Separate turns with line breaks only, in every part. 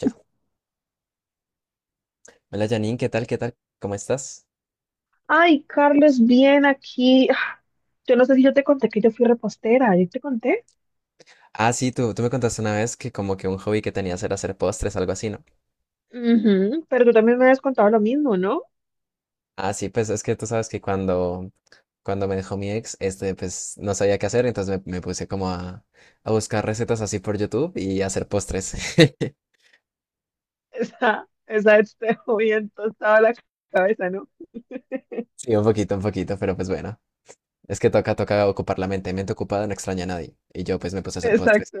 Ya. Hola Janine, ¿qué tal? ¿Qué tal? ¿Cómo estás?
Ay, Carlos, bien aquí. Yo no sé si yo te conté que yo fui repostera, ¿yo te conté?
Ah, sí, tú me contaste una vez que como que un hobby que tenías era hacer postres, algo así, ¿no?
Ujú. Pero tú también me habías contado lo mismo, ¿no?
Ah, sí, pues es que tú sabes que cuando me dejó mi ex, pues no sabía qué hacer, entonces me puse como a buscar recetas así por YouTube y hacer postres.
Esa vez te dejó bien tostada la cabeza, ¿no?
Sí, un poquito, pero pues bueno. Es que toca, toca ocupar la mente. Mente ocupada no extraña a nadie. Y yo pues me puse a hacer postres.
Exacto.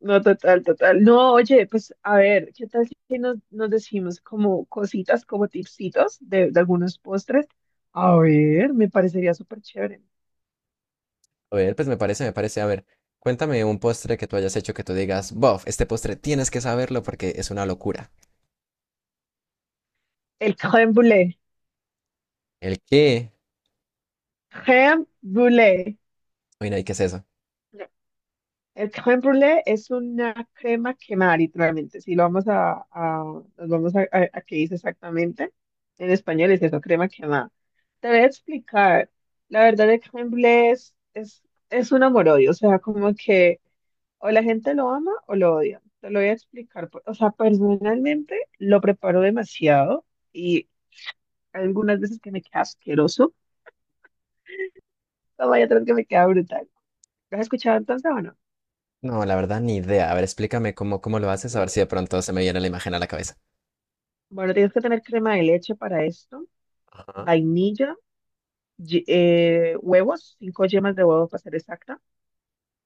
No, total, total. No, oye, pues a ver, ¿qué tal si nos decimos como cositas, como tipsitos de algunos postres? A ver, me parecería súper chévere.
A ver, pues me parece, me parece. A ver, cuéntame un postre que tú hayas hecho que tú digas, bof, este postre tienes que saberlo porque es una locura.
El crème brûlée.
¿El qué?
Crème brûlée.
Uy, no, ¿y qué es eso?
El crème brûlée es una crema quemada, literalmente. Si lo vamos nos vamos a qué dice exactamente, en español es eso, crema quemada. Te voy a explicar. La verdad, el crème brûlée es un amor-odio. O sea, como que o la gente lo ama o lo odia. Te lo voy a explicar. O sea, personalmente lo preparo demasiado y algunas veces que me queda asqueroso, pero hay otras que me queda brutal. ¿Lo has escuchado entonces o no?
No, la verdad, ni idea. A ver, explícame cómo, cómo lo haces, a ver si de pronto se me viene la imagen a la cabeza.
Bueno, tienes que tener crema de leche para esto.
Ajá,
Vainilla, huevos, cinco yemas de huevo para ser exacta,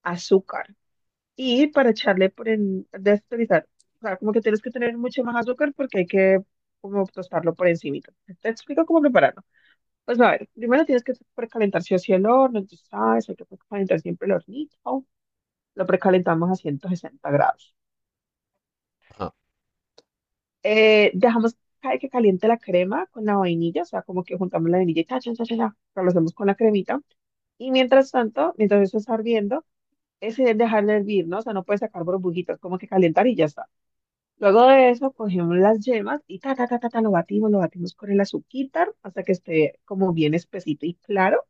azúcar. Y para echarle por en, desperizar, o sea, como que tienes que tener mucho más azúcar porque hay que como tostarlo por encimita. Te explico cómo prepararlo. Pues a ver, primero tienes que precalentar si o sí el horno, entonces sabes, hay que precalentar siempre el hornito. Lo precalentamos a 160 grados.
ajá.
Dejamos que caliente la crema con la vainilla, o sea, como que juntamos la vainilla y cha, cha, cha, cha, cha, o sea, lo hacemos con la cremita. Y mientras tanto, mientras eso está hirviendo, es dejarle hervir, ¿no? O sea, no puedes sacar burbujitas, como que calentar y ya está. Luego de eso, cogemos las yemas y ta, ta, ta, ta, ta, lo batimos con el azúcar hasta que esté como bien espesito y claro.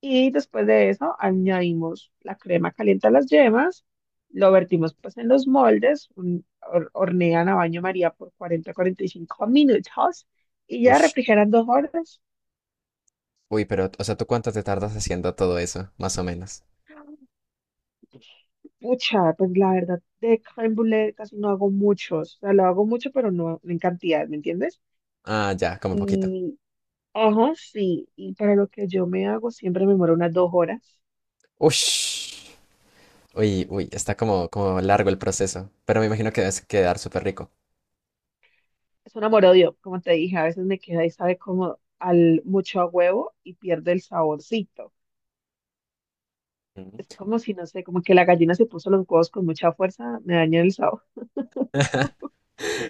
Y después de eso, añadimos la crema caliente a las yemas, lo vertimos pues en los moldes, hornean a baño María por 40-45 minutos y ya
Ush.
refrigeran 2 horas.
Uy, pero, o sea, ¿tú cuánto te tardas haciendo todo eso? Más o menos.
Pucha, pues la verdad, de crème casi no hago muchos. O sea, lo hago mucho, pero no en cantidad, ¿me entiendes?
Ah, ya, como poquito.
Y, ajá, sí. Y para lo que yo me hago, siempre me demoro unas 2 horas.
Ush. Uy, uy, está como, como largo el proceso. Pero me imagino que debes quedar súper rico.
Es un amor-odio, como te dije, a veces me queda y sabe como al mucho a huevo y pierde el saborcito.
Ujú.
Es como si, no sé, como que la gallina se puso los huevos con mucha fuerza, me daña el sabor.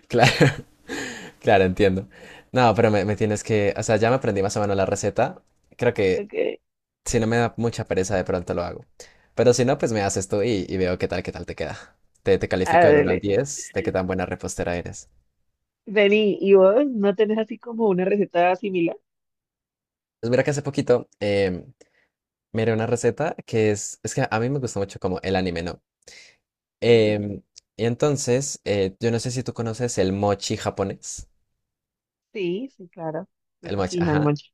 Claro, claro, entiendo. No, pero me tienes que, o sea, ya me aprendí más o menos la receta. Creo que
Ok,
si no me da mucha pereza, de pronto lo hago. Pero si no, pues me haces tú y veo qué tal te queda. Te califico del uno al
ándale.
diez de qué tan buena repostera eres.
Vení, ¿y vos no tenés así como una receta similar?
Pues mira que hace poquito miré una receta que es que a mí me gusta mucho como el anime, ¿no?
Mm,
Em, y entonces, yo no sé si tú conoces el mochi japonés.
sí, sí, claro. Me
El mochi,
fascina el
ajá,
monchis.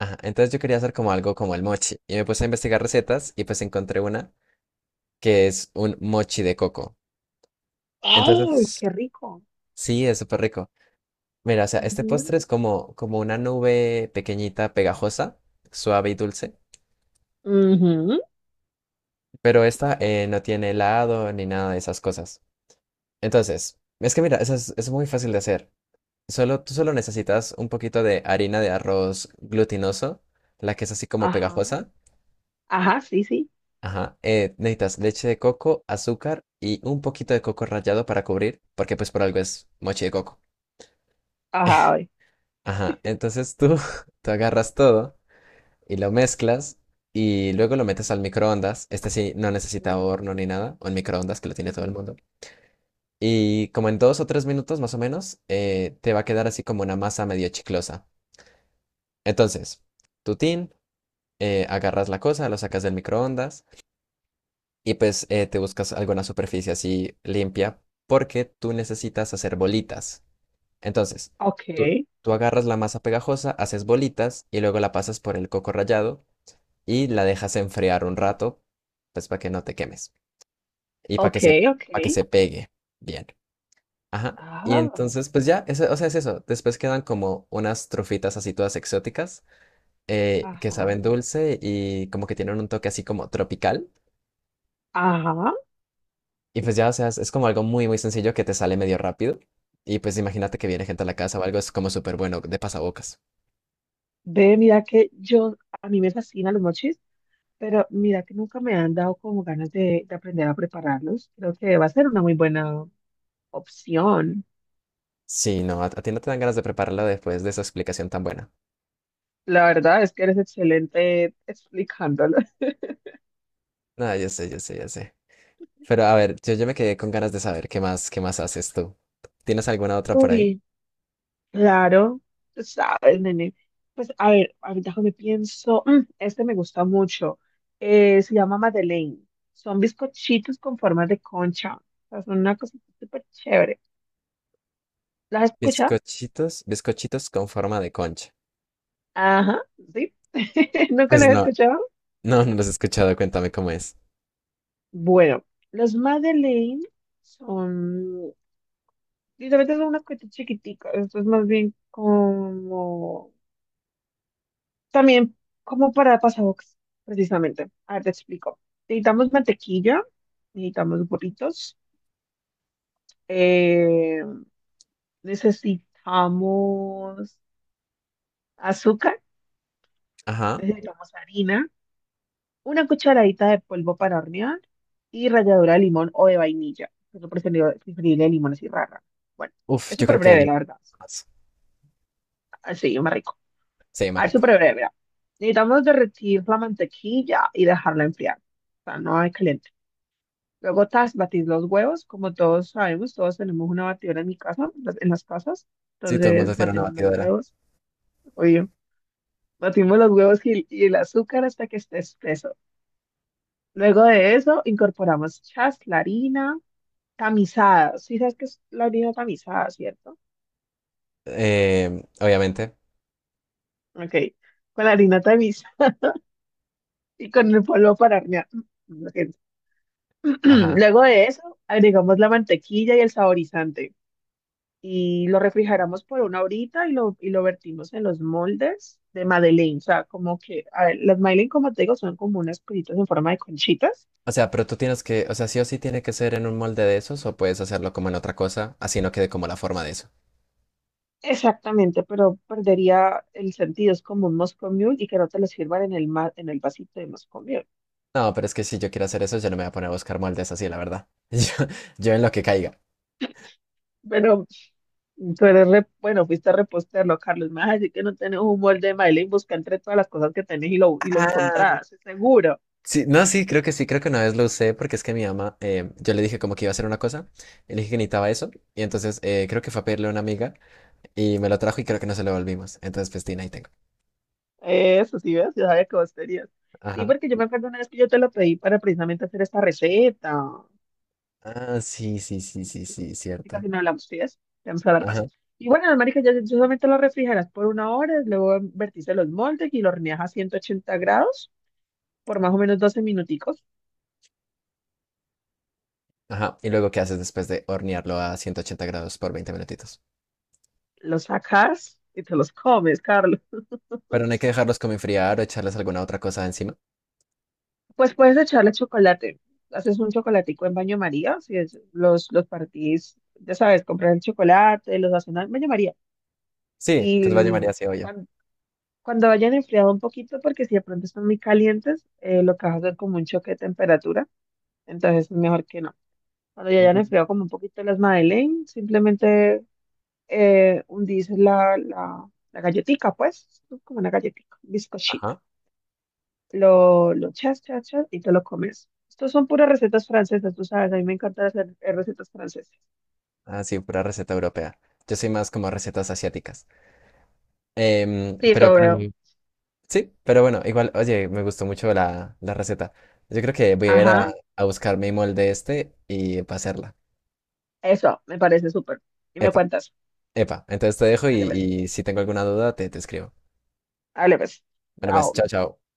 ajá. Entonces yo quería hacer como algo como el mochi. Y me puse a investigar recetas y pues encontré una que es un mochi de coco.
¡Ey!
Entonces,
¡Qué rico!
sí, es súper rico. Mira, o sea, este
Ujú,
postre es como, como una nube pequeñita, pegajosa, suave y dulce,
ujú.
pero esta no tiene helado ni nada de esas cosas. Entonces, es que mira, eso es muy fácil de hacer. Solo, tú solo necesitas un poquito de harina de arroz glutinoso, la que es así como
Ajá,
pegajosa.
ajá, sí, sí.
Ajá, necesitas leche de coco, azúcar y un poquito de coco rallado para cubrir, porque pues por algo es mochi de coco.
Ajá, a ver.
Ajá, entonces tú, tú agarras todo. Y lo mezclas y luego lo metes al microondas. Este sí no necesita
Ujú,
horno ni nada, o el microondas que lo tiene todo el
ujú.
mundo. Y como en 2 o 3 minutos más o menos, te va a quedar así como una masa medio chiclosa. Entonces, tu tin, agarras la cosa, lo sacas del microondas y pues te buscas alguna superficie así limpia porque tú necesitas hacer bolitas. Entonces,
Ok,
tú, tú agarras la masa pegajosa, haces bolitas y luego la pasas por el coco rallado y la dejas enfriar un rato, pues para que no te quemes y
ok, ok.
para que se pegue bien. Ajá. Y
Ah,
entonces, pues ya, o sea, es eso. Después quedan como unas trufitas así todas exóticas que
ajá,
saben dulce y como que tienen un toque así como tropical.
ajá.
Y pues ya, o sea, es como algo muy, muy sencillo que te sale medio rápido. Y pues imagínate que viene gente a la casa o algo, es como súper bueno de pasabocas.
Ve, mira que yo, a mí me fascinan los mochis, pero mira que nunca me han dado como ganas de aprender a prepararlos. Creo que va a ser una muy buena opción.
Sí, no, a ti no te dan ganas de prepararlo después de esa explicación tan buena.
La verdad es que eres excelente explicándolo.
No, yo sé, yo sé, yo sé. Pero a ver, yo me quedé con ganas de saber qué más haces tú. ¿Tienes alguna otra por ahí?
Uy, claro, tú sabes, nene. Pues a ver, ahorita que me pienso, este me gusta mucho. Se llama Madeleine. Son bizcochitos con formas de concha. O sea, son una cosita súper chévere. ¿Las has escuchado?
Bizcochitos, bizcochitos con forma de concha.
Ajá, sí. ¿Nunca
Pues
las has
no,
escuchado?
no, no los he escuchado, cuéntame cómo es.
Bueno, los Madeleine son, literalmente son unas cositas chiquiticas. Esto es más bien como también como para pasabocas, precisamente. A ver, te explico. Necesitamos mantequilla, necesitamos burritos, eh, necesitamos azúcar,
Ajá.
necesitamos harina, una cucharadita de polvo para hornear y ralladura de limón o de vainilla. Es lo preferible, preferible de limón así rara. Bueno,
Uf,
es
yo
súper
creo que de
breve,
limón
la verdad.
más.
Así, más rico.
Sí,
A
más
ver,
rico.
súper breve, mira. Necesitamos derretir la mantequilla y dejarla enfriar. O sea, no hay calentar. Luego tas, batís los huevos, como todos sabemos, todos tenemos una batidora en mi casa, en las casas.
Sí, todo el mundo
Entonces
tiene una
batimos los
batidora.
huevos, obvio. Batimos los huevos y el azúcar hasta que esté espeso. Luego de eso incorporamos chas, la harina tamizada. Sí sabes que es la harina tamizada, ¿cierto?
Obviamente.
Ok, con la harina tamizada y con el polvo para hornear. Lo siento.
Ajá.
Luego de eso agregamos la mantequilla y el saborizante. Y lo refrigeramos por una horita y lo vertimos en los moldes de Madeleine. O sea, como que, a ver, las Madeleine, como te digo, son como unas cositas en forma de conchitas.
O sea, pero tú tienes que, o sea, sí o sí tiene que ser en un molde de esos o puedes hacerlo como en otra cosa, así no quede como la forma de eso.
Exactamente, pero perdería el sentido. Es como un Moscow Mule y que no te lo sirvan en el, en el vasito de Moscow Mule.
No, pero es que si yo quiero hacer eso, yo no me voy a poner a buscar moldes así, la verdad. Yo en lo que caiga.
Pero tú eres, bueno, fuiste a reposterlo, Carlos. Me vas a decir que no tenés un molde de Madeleine, busca entre todas las cosas que tenés y lo
Ah.
encontrás, es seguro.
Sí, no, sí, creo que una vez lo usé porque es que mi mamá, yo le dije como que iba a hacer una cosa, y le dije que necesitaba eso y entonces creo que fue a pedirle a una amiga y me lo trajo y creo que no se lo volvimos. Entonces, pues, tin, ahí tengo.
Eso, sí, ves, yo sabía que vos tenías. Sí,
Ajá.
porque yo me acuerdo una vez que yo te lo pedí para precisamente hacer esta receta.
Ah, sí, sí, sí, sí, sí,
Y
cierto.
casi no hablamos, ¿sí ves? Ya vamos a dar
Ajá,
más. Y bueno, las maricas ya solamente lo refrigeras por una hora, luego vertiste los moldes y lo horneas a 180 grados por más o menos 12 minuticos.
ajá. ¿Y luego qué haces después de hornearlo a 180 grados por 20 minutitos?
Los sacas y te los comes, Carlos.
Pero no hay que dejarlos como enfriar o echarles alguna otra cosa encima.
Pues puedes echarle chocolate. Haces un chocolatico en baño María, si es, los partís, ya sabes, compras el chocolate, los haces en baño María.
Sí, pues vaya
Y
María, sí, yo.
cuan- Cuando hayan enfriado un poquito, porque si de pronto están muy calientes, lo que vas a hacer como un choque de temperatura, entonces es mejor que no. Cuando ya hayan enfriado como un poquito las Madeleine, simplemente hundís la galletica, pues, ¿no? Como una galletica, un bizcochito.
Ajá.
Lo chas, chas, chas, y te lo comes. Estos son puras recetas francesas, tú sabes, a mí me encanta hacer recetas francesas.
Ah, sí, pura receta europea. Yo soy más como recetas asiáticas. Em,
Sí,
pero,
eso
pero,
veo.
sí, pero bueno, igual, oye, me gustó mucho la receta. Yo creo que voy a ir
Ajá,
a buscar mi molde este y para hacerla.
eso, me parece súper. Y me
Epa,
cuentas.
epa. Entonces te dejo y,
Dale, pues,
y si tengo alguna duda, te escribo.
dale, pues.
Bueno, pues, chao,
Chao.
chao.